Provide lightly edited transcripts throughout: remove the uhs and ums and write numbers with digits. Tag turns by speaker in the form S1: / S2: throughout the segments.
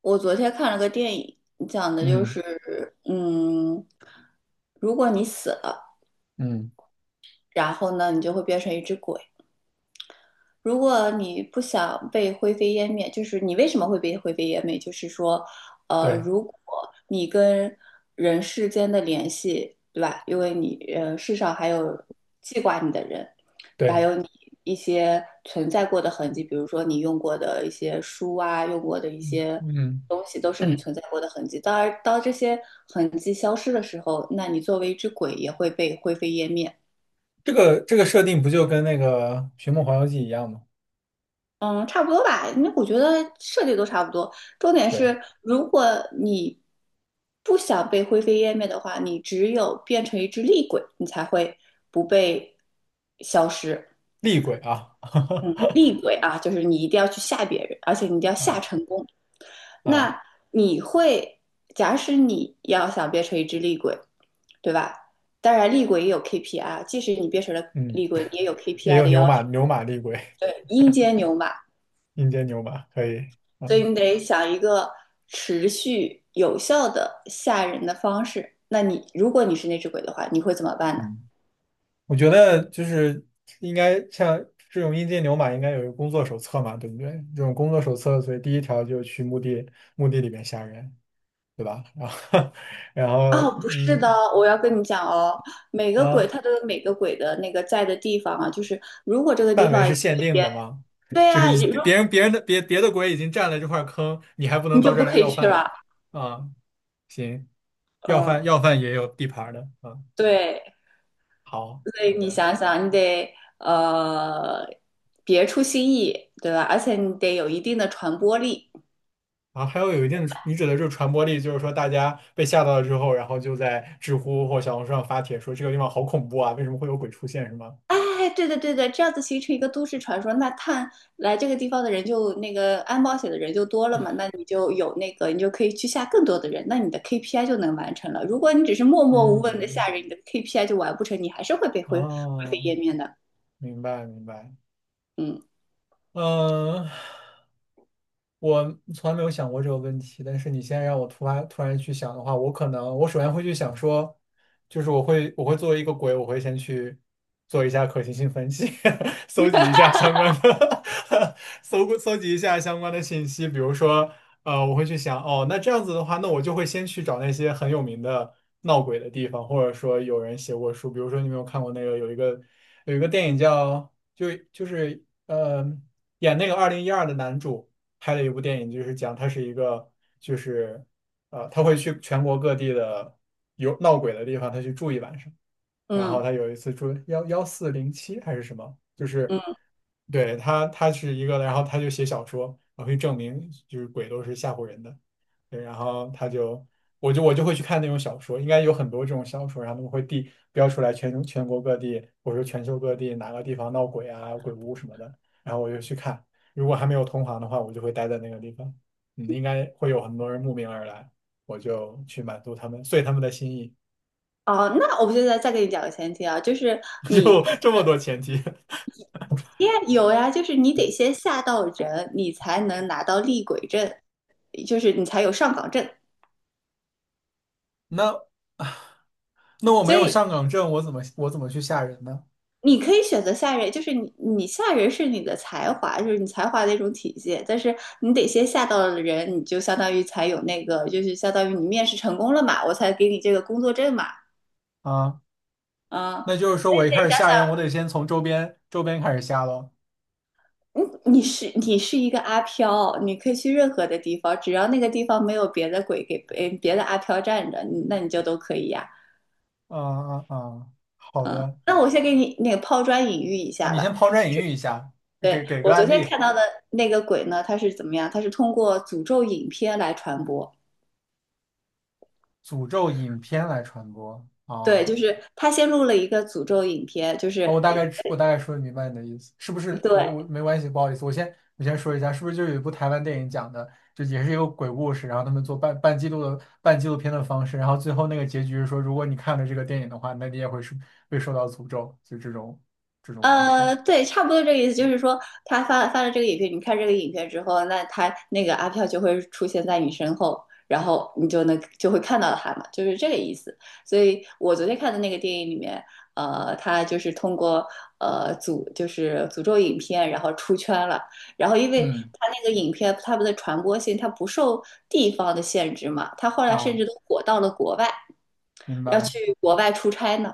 S1: 我昨天看了个电影，讲的就
S2: 嗯
S1: 是，嗯，如果你死了，
S2: 嗯，
S1: 然后呢，你就会变成一只鬼。如果你不想被灰飞烟灭，就是你为什么会被灰飞烟灭？就是说，
S2: 对
S1: 如果你跟人世间的联系，对吧？因为你，世上还有记挂你的人，还
S2: 对，
S1: 有你一些存在过的痕迹，比如说你用过的一些书啊，用过的一
S2: 嗯
S1: 些
S2: 嗯，
S1: 东西，都是你存在过的痕迹。当然，当这些痕迹消失的时候，那你作为一只鬼也会被灰飞烟灭。
S2: 这个设定不就跟那个《寻梦环游记》一样吗？
S1: 嗯，差不多吧，因为我觉得设计都差不多。重点
S2: 对，
S1: 是，如果你不想被灰飞烟灭的话，你只有变成一只厉鬼，你才会不被消失。
S2: 厉鬼啊，
S1: 嗯，厉 鬼啊，就是你一定要去吓别人，而且你一定要吓
S2: 啊
S1: 成功。
S2: 啊，
S1: 那你会，假使你要想变成一只厉鬼，对吧？当然，厉鬼也有 KPI，即使你变成了
S2: 嗯，
S1: 厉鬼，你也有
S2: 也
S1: KPI
S2: 有
S1: 的
S2: 牛
S1: 要求。
S2: 马牛马厉鬼，
S1: 对，阴间牛马，
S2: 阴间牛马可以，
S1: 所以
S2: 嗯
S1: 你得想一个持续有效的吓人的方式。那你如果你是那只鬼的话，你会怎么办呢？
S2: 嗯，我觉得就是应该像这种阴间牛马应该有一个工作手册嘛，对不对？这种工作手册，所以第一条就去墓地里面吓人，对吧？然后 然
S1: 哦，
S2: 后
S1: 不是的，我要跟你讲哦，每个鬼
S2: 啊。
S1: 它都有每个鬼的那个在的地方啊，就是如果这个地
S2: 范围
S1: 方
S2: 是
S1: 也
S2: 限定的吗？
S1: 对
S2: 就
S1: 呀、
S2: 是
S1: 啊，
S2: 已
S1: 如
S2: 别人的别的国已经占了这块坑，你还不
S1: 你
S2: 能到
S1: 就
S2: 这儿
S1: 不
S2: 来
S1: 可以
S2: 要
S1: 去
S2: 饭
S1: 了。
S2: 啊？行，要饭
S1: 呃，
S2: 要饭也有地盘儿的啊。
S1: 对，
S2: 好，
S1: 所
S2: 好
S1: 以你
S2: 的。
S1: 想想，你得别出新意，对吧？而且你得有一定的传播力。
S2: 然后还有一定的，你指的就是传播力，就是说大家被吓到了之后，然后就在知乎或小红书上发帖说这个地方好恐怖啊，为什么会有鬼出现，是吗？
S1: 哎，对的对的，这样子形成一个都市传说，那看来这个地方的人就那个安保险的人就多了嘛，那你就有那个，你就可以去吓更多的人，那你的 KPI 就能完成了。如果你只是默默无闻的
S2: 嗯，
S1: 吓人，你的 KPI 就完不成，你还是会被灰灰飞
S2: 哦，
S1: 烟灭的。
S2: 明白明白。
S1: 嗯
S2: 嗯，我从来没有想过这个问题，但是你现在让我突然去想的话，我可能我首先会去想说，就是我会作为一个鬼，我会先去做一下可行性分析，搜集一下相关的 搜集一下相关的信息，比如说我会去想哦，那这样子的话，那我就会先去找那些很有名的闹鬼的地方，或者说有人写过书，比如说你有没有看过那个有一个电影叫就是演那个2012的男主。拍了一部电影，就是讲他是一个，就是他会去全国各地的有闹鬼的地方，他去住一晚上。然后
S1: 嗯。
S2: 他有一次住11407还是什么，就是
S1: 嗯
S2: 对，他是一个，然后他就写小说，然后去证明就是鬼都是吓唬人的。对，然后他就，我就会去看那种小说，应该有很多这种小说，然后他们会地标出来全国各地或者说全球各地哪个地方闹鬼啊、鬼屋什么的，然后我就去看。如果还没有同行的话，我就会待在那个地方，嗯，应该会有很多人慕名而来，我就去满足他们，遂他们的心意，
S1: 哦，那我现在再给你讲个前提啊，就是 你
S2: 就
S1: 变
S2: 这么多前提。
S1: 呀，有呀，就是你得先吓到人，你才能拿到厉鬼证，就是你才有上岗证。
S2: 那 那我没
S1: 所
S2: 有
S1: 以
S2: 上岗证，我怎么去吓人呢？
S1: 你可以选择吓人，就是你吓人是你的才华，就是你才华的一种体现。但是你得先吓到了人，你就相当于才有那个，就是相当于你面试成功了嘛，我才给你这个工作证嘛，
S2: 啊，
S1: 啊、
S2: 那就是说
S1: 所以
S2: 我一开
S1: 你
S2: 始
S1: 得
S2: 吓
S1: 想
S2: 人，我得先从周边开始吓喽。
S1: 想，嗯，你是一个阿飘，你可以去任何的地方，只要那个地方没有别的鬼给别的阿飘站着，嗯那你就都可以呀、
S2: 啊啊啊，好的。
S1: 那我先给你那个抛砖引玉一
S2: 啊，
S1: 下
S2: 你
S1: 吧。
S2: 先抛砖引玉一下，给
S1: 对，
S2: 给个
S1: 我昨
S2: 案
S1: 天
S2: 例，
S1: 看到的那个鬼呢，它是怎么样？它是通过诅咒影片来传播。
S2: 诅咒影片来传播。
S1: 对，
S2: 啊
S1: 就是他先录了一个诅咒影片，就是
S2: 哦，
S1: 呃
S2: 我大概说明白你的意思，是不是？我
S1: 对，
S2: 我没关系，不好意思，我先说一下，是不是就有一部台湾电影讲的，就也是一个鬼故事，然后他们做半记录的半纪录片的方式，然后最后那个结局是说，如果你看了这个电影的话，那你也会是被受到诅咒，就这种方式。
S1: 对，差不多这个意思，就是说他发了这个影片，你看这个影片之后，那他那个阿飘就会出现在你身后，然后你就会看到他嘛，就是这个意思。所以我昨天看的那个电影里面，他就是通过呃诅就是诅咒影片，然后出圈了。然后因为
S2: 嗯
S1: 他那个影片他们的传播性，他不受地方的限制嘛，他后来甚
S2: 啊。
S1: 至都火到了国外，
S2: 明
S1: 要
S2: 白。
S1: 去国外出差呢。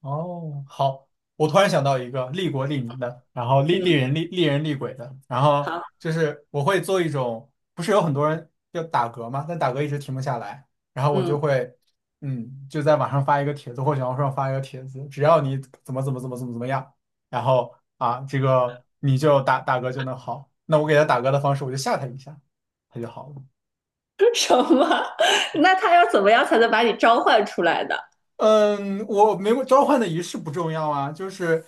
S2: 哦，好，我突然想到一个利国利民的，然后利利
S1: 嗯，
S2: 人利人利鬼的，然后
S1: 好，
S2: 就是我会做一种，不是有很多人要打嗝吗？但打嗝一直停不下来，然后我就
S1: 嗯。
S2: 会，就在网上发一个帖子或小红书上发一个帖子，只要你怎么怎么怎么怎么怎么样，然后啊，这个你就打嗝就能好。那我给他打嗝的方式，我就吓他一下，他就好了。
S1: 什么？那他要怎么样才能把你召唤出来呢？
S2: 嗯，我没有召唤的仪式不重要啊，就是，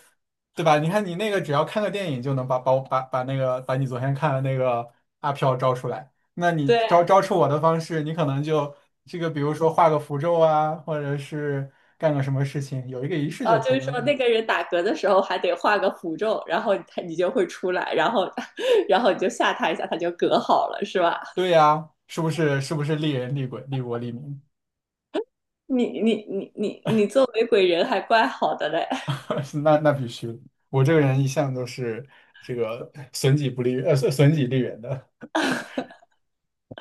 S2: 对吧？你看你那个，只要看个电影就能把我把那个把你昨天看的那个阿飘招出来。那你
S1: 对，
S2: 招出我的方式，你可能就这个，比如说画个符咒啊，或者是干个什么事情，有一个仪式
S1: 哦，
S2: 就
S1: 就
S2: 可以
S1: 是
S2: 了
S1: 说
S2: 嘛。
S1: 那个人打嗝的时候还得画个符咒，然后他你就会出来，然后 然后你就吓他一下，他就嗝好了，是吧？
S2: 对呀，是不是？是不是利人利鬼利国利民？
S1: 你作为鬼人还怪好的嘞，
S2: 那必须的我这个人一向都是这个损己不利，损己利人的。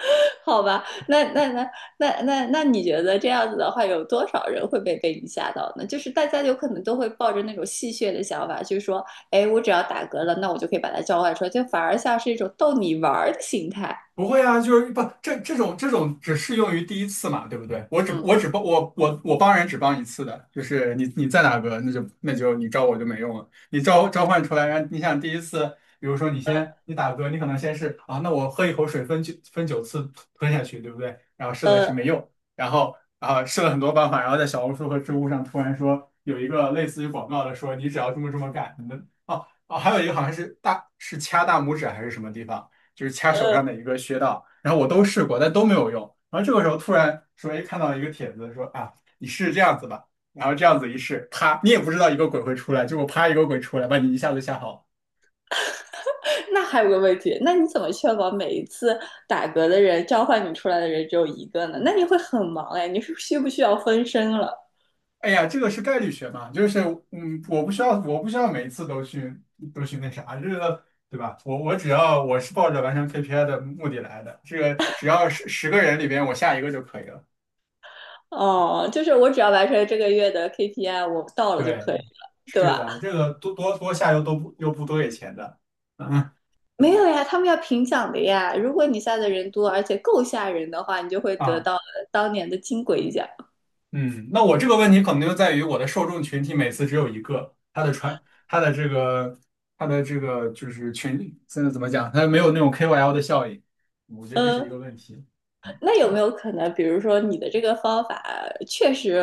S1: 好吧？那你觉得这样子的话，有多少人会被你吓到呢？就是大家有可能都会抱着那种戏谑的想法，就是说，哎，我只要打嗝了，那我就可以把它召唤出来，就反而像是一种逗你玩的心态。
S2: 不会啊，就是不这这种只适用于第一次嘛，对不对？我只
S1: 嗯，
S2: 我只帮我我我帮人只帮一次的，就是你在打个，那就你招我就没用了。你召唤出来，然后你想第一次，比如说你打嗝，你可能先是啊，那我喝一口水分9次吞下去，对不对？然后试了试
S1: 呃
S2: 没用，然后啊试了很多办法，然后在小红书和知乎上突然说有一个类似于广告的说，你只要这么干，你的哦哦，还有一个好像是掐大拇指还是什么地方。就是掐手上
S1: 呃，
S2: 的一个穴道，然后我都试过，但都没有用。然后这个时候突然说，哎，看到一个帖子说啊，你试试这样子吧，然后这样子一试，啪，你也不知道一个鬼会出来，结果啪一个鬼出来，把你一下子吓跑了。
S1: 那还有个问题，那你怎么确保每一次打嗝的人召唤你出来的人只有一个呢？那你会很忙哎，你是需不需要分身了？
S2: 哎呀，这个是概率学嘛，就是我不需要每一次都去那啥，这个对吧？我我只要我是抱着完成 KPI 的目的来的，这个只要十个人里边我下一个就可以了。
S1: 哦，就是我只要完成这个月的 KPI，我到了就
S2: 对，
S1: 可以了，对
S2: 是
S1: 吧？
S2: 的，这个多下又不多给钱的，嗯
S1: 没有呀，他们要评奖的呀。如果你下的人多，而且够吓人的话，你就会得
S2: 啊。
S1: 到当年的金龟奖。
S2: 嗯，那我这个问题可能就在于我的受众群体每次只有一个，他的这个，他的这个就是群，现在怎么讲，他没有那种 KOL 的效应，我觉得这是一
S1: 嗯、
S2: 个问题。
S1: 那有没有可能，比如说你的这个方法确实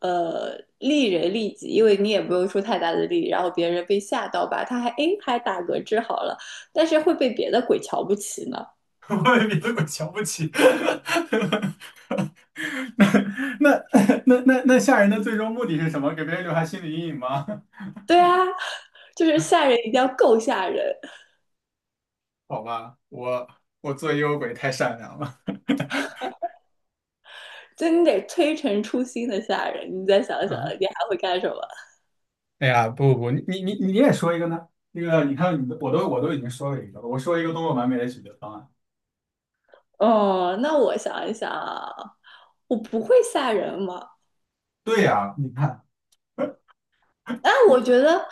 S1: 利人利己，因为你也不用出太大的力，然后别人被吓到吧，他还诶还打嗝治好了，但是会被别的鬼瞧不起呢？
S2: 我也比这么瞧不起。那 那吓人的最终目的是什么？给别人留下心理阴影吗？
S1: 对啊，就是吓人一定要够吓人，
S2: 好吧，我做幽鬼太善良了。
S1: 就你得推陈出新的吓人。你再想想，
S2: 嗯，
S1: 你还会干什么？
S2: 哎呀，不不不，你也说一个呢？那个，你看你的，我都已经说了一个了，我说一个多么完美的解决方案。
S1: 哦，那我想一想啊，我不会吓人吗？
S2: 对呀，你看，
S1: 啊我觉得啊。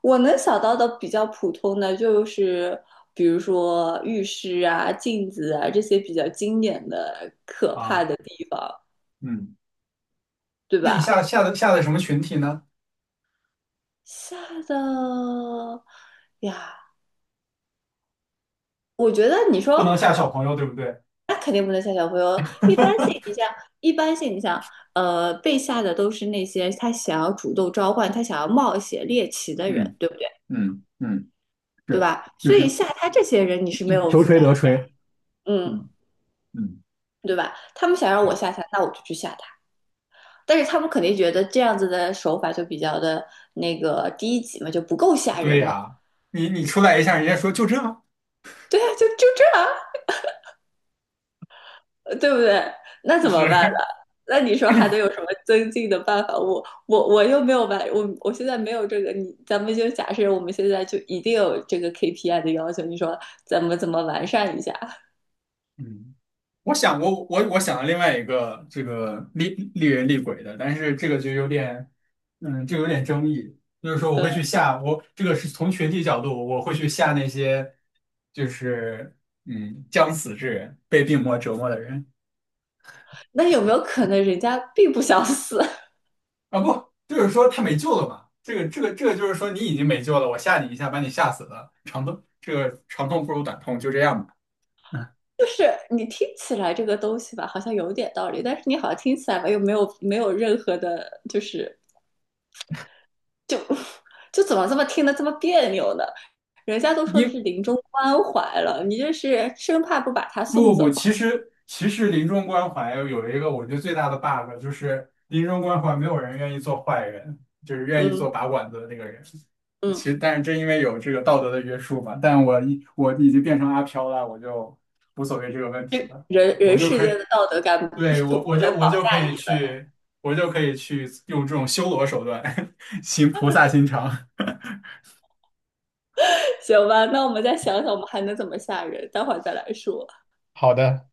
S1: 我能想到的比较普通的就是，比如说浴室啊、镜子啊这些比较经典的可怕
S2: 啊，
S1: 的地方，
S2: 嗯，
S1: 对
S2: 那你下
S1: 吧？
S2: 下的下的什么群体呢？
S1: 吓的呀，我觉得你
S2: 不
S1: 说
S2: 能下小朋友，对不对？
S1: 那肯定不能吓小朋友。一般性，你像被吓的都是那些他想要主动召唤、他想要冒险猎奇的人，
S2: 嗯
S1: 对不对？
S2: 嗯嗯，
S1: 对
S2: 是，
S1: 吧？
S2: 就
S1: 所以
S2: 是
S1: 吓他这些人你是没有
S2: 求
S1: 负
S2: 锤
S1: 担
S2: 得锤，
S1: 的嗯，
S2: 嗯嗯。
S1: 对吧？他们想让我
S2: 对
S1: 吓他，那我就去吓他。但是他们肯定觉得这样子的手法就比较的那个低级嘛，就不够吓
S2: 对
S1: 人嘛。
S2: 呀，你出来一下，人家说就这，
S1: 对啊，就就这样，对不对？那怎么办呢？
S2: 是。
S1: 那你说还能有什么增进的办法？我又没有办，我现在没有这个。你咱们就假设我们现在就一定有这个 KPI 的要求，你说咱们怎么完善一下？
S2: 嗯。我想过，我想了另外一个这个厉人厉鬼的，但是这个就有点，就有点争议。就是说，我
S1: 呃，
S2: 会去吓我这个是从群体角度，我会去吓那些就是将死之人，被病魔折磨的人
S1: 那有没有可能人家并不想死？
S2: 啊，不，就是说他没救了嘛。这个就是说你已经没救了，我吓你一下，把你吓死了，长痛不如短痛，就这样吧。嗯，
S1: 就是你听起来这个东西吧，好像有点道理，但是你好像听起来吧又没有没有任何的，就是就就怎么这么听得这么别扭呢？人家都说是
S2: 因
S1: 临终关怀了，你这是生怕不把他
S2: 不
S1: 送
S2: 不不，
S1: 走。
S2: 其实临终关怀有一个我觉得最大的 bug 就是临终关怀没有人愿意做坏人，就是愿意
S1: 嗯
S2: 做拔管子的那个人。
S1: 嗯，
S2: 其实，但是正因为有这个道德的约束吧，但我已经变成阿飘了，我就无所谓这个问题了，
S1: 人
S2: 我
S1: 人
S2: 就
S1: 世
S2: 可以，
S1: 间的道德感不
S2: 对，
S1: 不
S2: 我
S1: 不
S2: 我
S1: 能
S2: 就我
S1: 绑
S2: 就可
S1: 架
S2: 以
S1: 你了，
S2: 去，我就可以去用这种修罗手段 行菩萨心肠。
S1: 行吧？那我们再想想，我们还能怎么吓人？待会儿再来说。
S2: 好的。